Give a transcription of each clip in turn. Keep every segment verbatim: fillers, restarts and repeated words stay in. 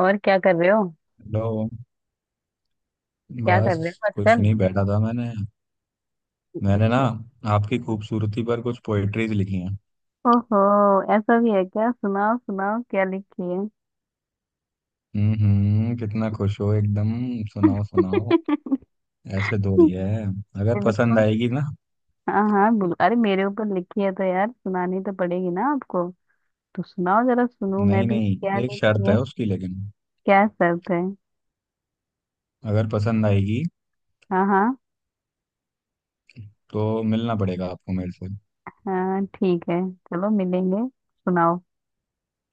और क्या कर रहे हो। हेलो। क्या कर बस। रहे हो कुछ आजकल? नहीं, बैठा था मैंने। मैंने ना, आपकी खूबसूरती पर कुछ पोएट्रीज लिखी हैं। ओहो, ऐसा भी है क्या? सुनाओ सुनाओ, क्या लिखी है? हम्म, हम्म, कितना खुश हो एकदम। सुनाओ सुनाओ। ऐसे थोड़ी है। अगर पसंद बिल्कुल। आएगी ना। हाँ हाँ बिल्कुल, अरे मेरे ऊपर लिखी है तो यार सुनानी तो पड़ेगी ना आपको। तो सुनाओ, जरा सुनूं मैं नहीं भी नहीं, क्या एक लिखी शर्त है। है उसकी लेकिन। क्या शर्त है? अगर पसंद आएगी हाँ हाँ। तो मिलना पड़ेगा आपको मेरे से। हाँ ठीक है, चलो मिलेंगे सुनाओ।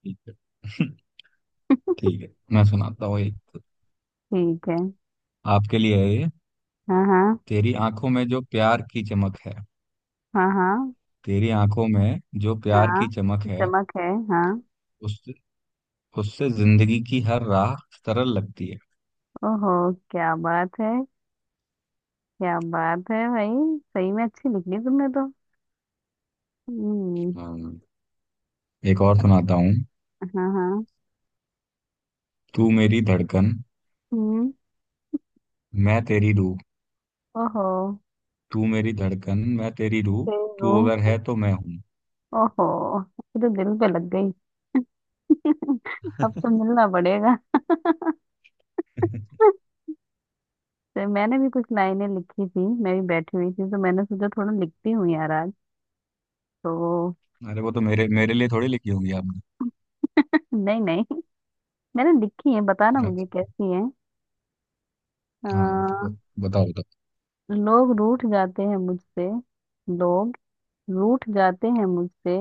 ठीक है। ठीक है। मैं सुनाता हूँ एक। ठीक है। आपके लिए है ये। हाँ हाँ। तेरी आंखों में जो प्यार की चमक है। हाँ हाँ। तेरी आंखों में जो प्यार हाँ, की चमक है। चमक है हाँ। उस उससे जिंदगी की हर राह सरल लगती है। ओहो, क्या बात है। क्या बात है भाई, सही में अच्छी लिख ली तुमने तो। हम्म। हाँ, एक और सुनाता हूँ। हाँ हाँ। तू मेरी धड़कन, हम्म। मैं तेरी रूह। ओहो। तू मेरी धड़कन, मैं तेरी रूह। तू अगर देखो। है तो मैं हूँ। ओहो, ये तो दिल पे लग गई। अब तो मिलना पड़ेगा। तो मैंने भी कुछ लाइनें लिखी थी, मैं भी बैठी हुई थी तो मैंने सोचा थोड़ा लिखती हूँ यार आज। तो। अरे वो तो मेरे मेरे लिए थोड़ी लिखी होगी आपने। नहीं नहीं, मैंने लिखी है, बताना मुझे अच्छा। कैसी है। आ, हाँ तो ब- बताओ बताओ। लोग रूठ जाते हैं मुझसे। लोग रूठ जाते हैं मुझसे,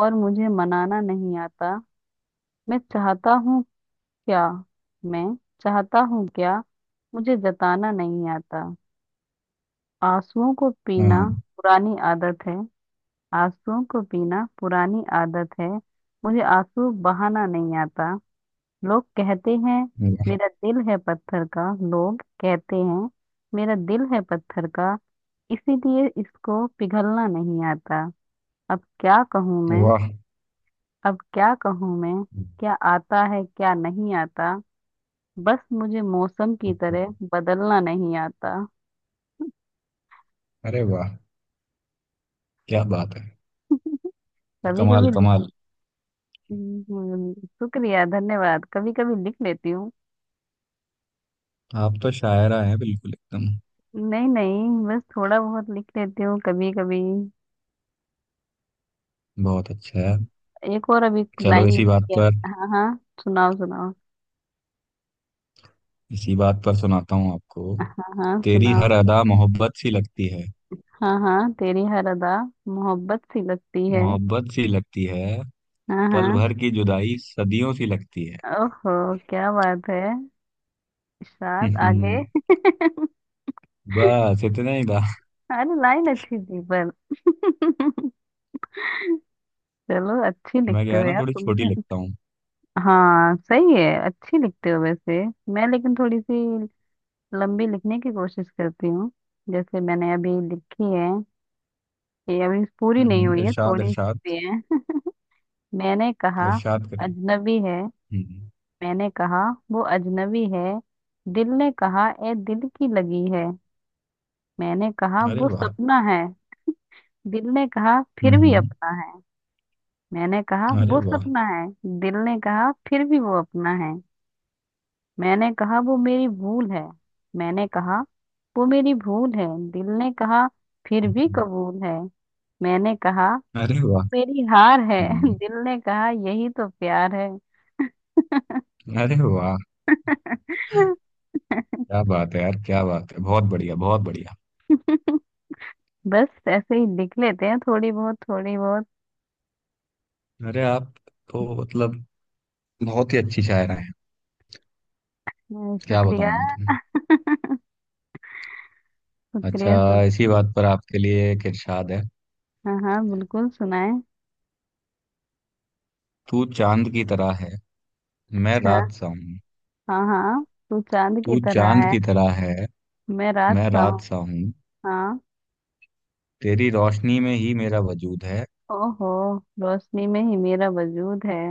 और मुझे मनाना नहीं आता। मैं चाहता हूँ क्या, मैं चाहता हूँ क्या, मुझे जताना नहीं आता। आंसुओं को पीना हाँ। पुरानी आदत है, आंसुओं को पीना पुरानी आदत है, मुझे आंसू बहाना नहीं आता। लोग कहते हैं मेरा दिल है पत्थर का, लोग कहते हैं मेरा दिल है पत्थर का, इसीलिए इसको पिघलना नहीं आता। अब क्या कहूँ वाह। मैं, वाह। अब क्या कहूँ मैं, क्या आता है क्या नहीं आता, बस मुझे मौसम की तरह बदलना नहीं आता। अरे वाह, क्या बात है। कभी कमाल कभी लिख। कमाल। हम्म, शुक्रिया धन्यवाद, कभी कभी लिख लेती हूँ। आप तो शायरा हैं बिल्कुल एकदम। नहीं नहीं, बस थोड़ा बहुत लिख लेती हूँ कभी कभी। बहुत अच्छा है। एक और अभी चलो लाइन इसी बात लिखी पर। है। हाँ हाँ सुनाओ सुनाओ। इसी बात पर सुनाता हूँ आपको। हाँ हाँ तेरी सुनाओ। हर अदा मोहब्बत सी लगती है। हाँ हाँ, तेरी हर अदा मोहब्बत सी लगती है। मोहब्बत सी लगती है। हाँ पल हाँ। भर की जुदाई सदियों सी लगती है। ओहो, क्या बात है। शायद आगे हम्म, बस इतना ही था। अरे लाइन अच्छी थी पर चलो अच्छी मैं लिखते क्या हो है ना यार थोड़ी तुम। छोटी लिखता हूँ। हाँ सही है, अच्छी लिखते हो वैसे। मैं लेकिन थोड़ी सी लंबी लिखने की कोशिश करती हूँ। जैसे मैंने अभी लिखी है, ये अभी पूरी हम्म, नहीं हुई है, इरशाद थोड़ी सी इरशाद। भी है। मैंने कहा इरशाद करिए। अजनबी है, हम्म। मैंने कहा वो अजनबी है, दिल ने कहा ए दिल की लगी है। मैंने कहा अरे वो वाह। सपना है, दिल ने कहा फिर भी हम्म। अपना है। मैंने कहा अरे वो वाह। सपना है, दिल ने कहा फिर भी वो अपना है। मैंने कहा वो मेरी भूल है, मैंने कहा वो मेरी भूल है, दिल ने कहा फिर भी हम्म। कबूल है। मैंने कहा अरे वाह। मेरी हार है हम्म। दिल ने कहा यही तो प्यार है। अरे वाह, क्या बात है यार, क्या बात है। बहुत बढ़िया, बहुत बढ़िया। बस ऐसे ही लिख लेते हैं, थोड़ी बहुत थोड़ी बहुत। अरे आप तो मतलब बहुत ही अच्छी शायरा हैं। हम्म, क्या शुक्रिया बताऊं मैं तुम्हें। अच्छा, शुक्रिया शुक... इसी बात पर आपके लिए एक इरशाद है। हाँ हाँ बिल्कुल, सुनाए। तू चांद की तरह है, मैं अच्छा। रात सा हूँ। हाँ हाँ, तू चांद की तू तरह चांद है, की तरह है, मैं रात मैं सा रात हूँ। सा हूँ। हाँ। तेरी रोशनी में ही मेरा वजूद है। ओहो, रोशनी में ही मेरा वजूद है।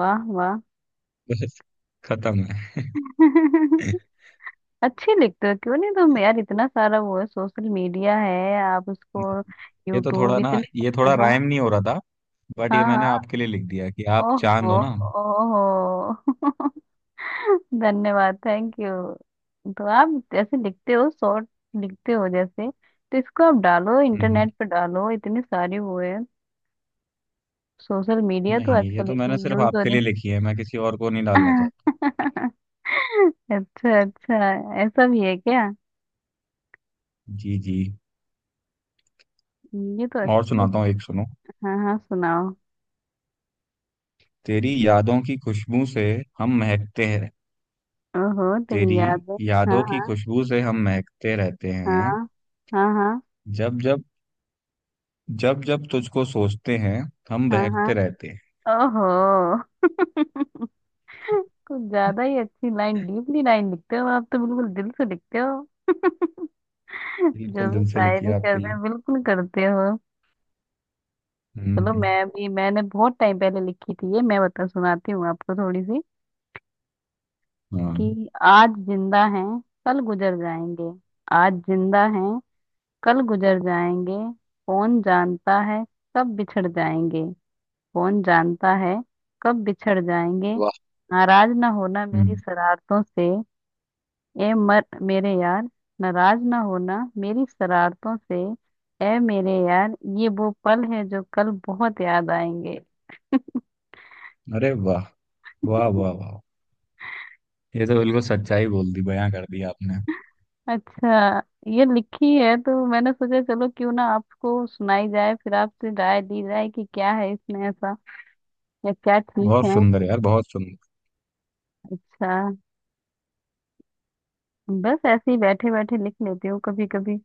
वाह वाह। बस खत्म है। अच्छी लिखते हो क्यों नहीं तुम यार, इतना सारा वो है, सोशल मीडिया है, आप उसको, ये तो यूट्यूब थोड़ा ना, ये इतने। थोड़ा हाँ। राइम नहीं हो रहा था। बट ये हाँ हाँ। मैंने आपके लिए लिख दिया कि आप चांद ओहो। हो ना। ओहो। धन्यवाद थैंक यू। तो आप जैसे लिखते हो शॉर्ट लिखते हो जैसे, तो इसको आप डालो, हम्म। इंटरनेट पे डालो, इतनी सारी वो है, सोशल मीडिया तो नहीं, ये आजकल तो मैंने इतनी सिर्फ यूज हो आपके रही। लिए लिखी है, मैं किसी और को नहीं डालना चाहता। अच्छा अच्छा, ऐसा भी है क्या? जी जी। ये तो और अच्छी। सुनाता हूँ एक, सुनो। हाँ हाँ सुनाओ। तेरी यादों की खुशबू से हम महकते हैं। ओहो, तेरी तेरी याद है। यादों की हाँ। खुशबू से हम महकते रहते हैं। हाँ हाँ। हाँ जब जब जब जब तुझको सोचते हैं, हम हाँ हाँ। बहकते रहते हैं। हाँ ओहो। कुछ ज्यादा ही अच्छी लाइन, डीपली लाइन लिखते हो आप, तो बिल्कुल दिल से लिखते हो। जो बिल्कुल भी दिल से लिखी शायरी है आपके करते लिए। हैं बिल्कुल करते हो। चलो हम्म। मैं भी, मैंने बहुत टाइम पहले लिखी थी ये, मैं बता, सुनाती हूँ आपको थोड़ी सी। हाँ। कि आज जिंदा हैं, कल गुजर जाएंगे, आज जिंदा हैं, कल गुजर जाएंगे, कौन जानता है कब बिछड़ जाएंगे, कौन जानता है कब बिछड़ जाएंगे। वाह। नाराज ना होना मेरी हम्म। शरारतों से, ए मर मेरे यार, नाराज ना होना मेरी शरारतों से, ए मेरे यार, ये वो पल है जो कल बहुत याद आएंगे। अरे वाह। वाह वाह वाह। ये तो बिल्कुल सच्चाई बोल दी, बयां कर दी आपने। अच्छा। ये लिखी है तो मैंने सोचा चलो क्यों ना आपको सुनाई जाए, फिर आपसे राय ली जाए कि क्या है इसमें ऐसा, या क्या ठीक बहुत है। सुंदर यार, बहुत सुंदर। अच्छा। बस ऐसे ही बैठे बैठे लिख लेती हूँ कभी कभी।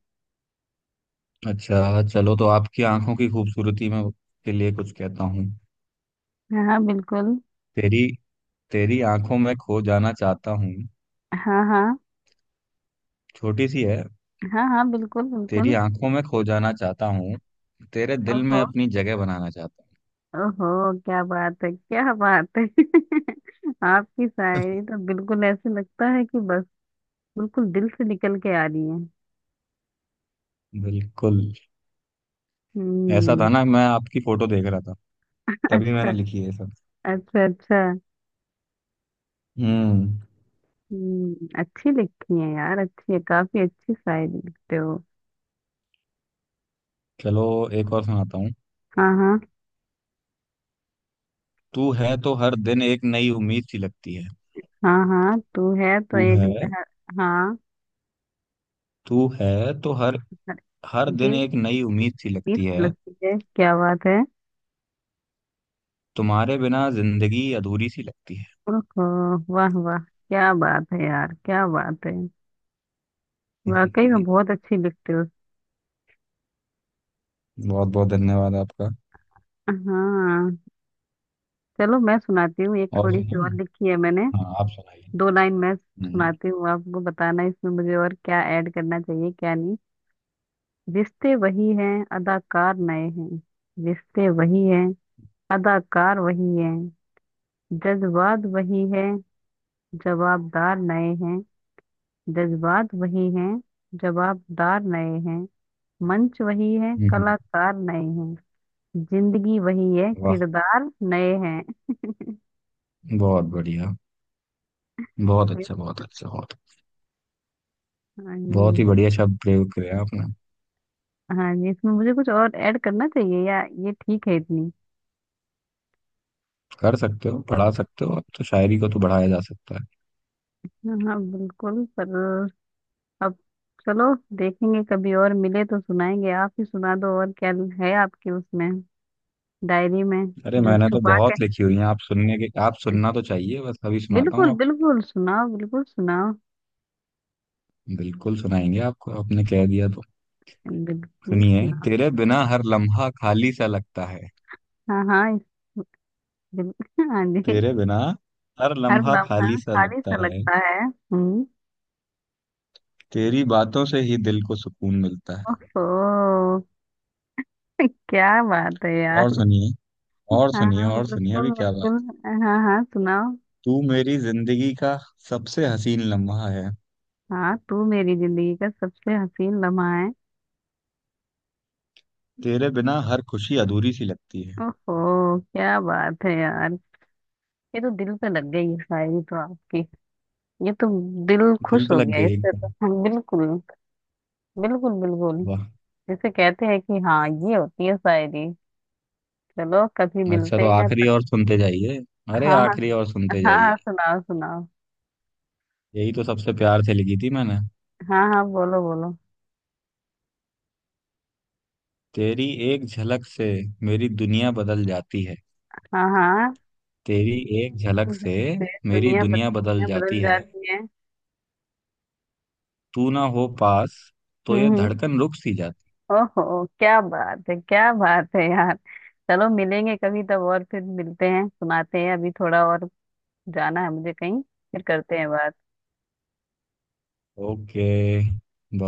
अच्छा चलो, तो आपकी आंखों की खूबसूरती में के लिए कुछ कहता हूँ। हाँ हाँ बिल्कुल। तेरी तेरी आंखों में खो जाना चाहता हूँ। हाँ हाँ। छोटी सी है। हाँ हाँ बिल्कुल तेरी बिल्कुल। आंखों में खो जाना चाहता हूँ। तेरे दिल में ओहो। अपनी जगह बनाना चाहता ओहो क्या बात है, क्या बात है। आपकी शायरी तो बिल्कुल ऐसे लगता है कि बस बिल्कुल दिल से निकल के आ रही है। हूँ। बिल्कुल। ऐसा था हम्म। ना, मैं आपकी फोटो देख रहा था, तभी अच्छा। मैंने लिखी है ये सब। अच्छा अच्छा। हम्म। हम्म, अच्छी लिखती है यार, अच्छी है, काफी अच्छी शायरी लिखते हो। चलो एक और सुनाता हूँ। हाँ हाँ। तू है तो हर दिन एक नई उम्मीद सी लगती है। हाँ हाँ तू है तो तू एक है नहर। हाँ। तू है तो हर हर हर दिन दिन एक नई उम्मीद सी बीस लगती है। लगती है, क्या बात है। तुम्हारे बिना जिंदगी अधूरी सी लगती है। ओहो। वाह वाह, क्या बात है यार, क्या बात है। वाकई में बहुत अच्छी लिखते हो। बहुत बहुत धन्यवाद आपका। हाँ। चलो मैं सुनाती हूँ, एक और थोड़ी सी सुनाऊं? और लिखी है मैंने। हाँ, आप सुनाइए। दो लाइन मैं हम्म। सुनाती हूँ आपको, बताना इसमें मुझे और क्या ऐड करना चाहिए क्या नहीं। रिश्ते वही हैं अदाकार नए हैं, रिश्ते वही हैं अदाकार वही हैं, जज्बात वही है जवाबदार नए हैं, जज्बात वही हैं जवाबदार नए हैं, मंच वही है हम्म। कलाकार नए हैं, जिंदगी वही है वाह, किरदार नए हैं। बहुत बढ़िया, बहुत तो। अच्छा, बहुत अच्छा, बहुत हाँ बहुत ही ये। बढ़िया शब्द प्रयोग करे आपने। हाँ ये इसमें मुझे कुछ और ऐड करना चाहिए या ये ठीक है इतनी। कर सकते हो, पढ़ा सकते हो, अब तो शायरी को तो बढ़ाया जा सकता है। हाँ हाँ, बिल्कुल। पर अब, चलो देखेंगे, कभी और मिले तो सुनाएंगे, आप ही सुना दो, और क्या है आपकी उसमें, डायरी में, अरे जो मैंने तो छुपा के। बहुत लिखी हुई है, आप सुनने के, आप सुनना तो चाहिए। बस अभी सुनाता हूँ बिल्कुल आप। बिल्कुल सुनाओ, बिल्कुल सुनाओ। बिल्कुल सुनाएंगे आपको, आपने कह दिया तो। बिल्कुल सुनिए, सुनाओ। तेरे बिना हर लम्हा खाली सा लगता है। हाँ हाँ इस बिल, हाँ जी। तेरे बिना हर हर लम्हा लम्हा खाली सा खाली सा लगता है। लगता है। हम्म। तेरी बातों से ही दिल को सुकून मिलता है। ओहो। क्या बात है और यार। सुनिए, और हाँ सुनिए, हाँ और सुनिए अभी बिल्कुल क्या बात। बिल्कुल। हाँ हाँ सुनाओ। तू मेरी जिंदगी का सबसे हसीन लम्हा है। हाँ, तू मेरी जिंदगी का सबसे हसीन लम्हा है। तेरे बिना हर खुशी अधूरी सी लगती है। ओहो क्या बात है यार, ये तो दिल पे लग गई, ये शायरी तो आपकी, ये तो दिल दिल खुश पे हो लग गया गई इससे तो। एकदम। हाँ, बिल्कुल बिल्कुल बिल्कुल। वाह। जिसे कहते हैं कि हाँ ये होती है शायरी। चलो कभी अच्छा, मिलते तो हैं आखिरी तब। और सुनते जाइए। अरे हाँ हाँ। आखिरी और सुनते हाँ जाइए। हाँ सुनाओ सुनाओ। यही तो सबसे प्यार से लिखी थी मैंने। हाँ हाँ बोलो बोलो। तेरी एक झलक से मेरी दुनिया बदल जाती है। हाँ हाँ तेरी एक झलक से जैसे मेरी दुनिया बद, दुनिया बदल दुनिया बदल जाती है। जाती है। तू ना हो पास तो हम्म ये हम्म। धड़कन रुक सी जाती। ओहो क्या बात है, क्या बात है यार, चलो मिलेंगे कभी तब और फिर मिलते हैं सुनाते हैं अभी थोड़ा और। जाना है मुझे कहीं, फिर करते हैं बात। ओके।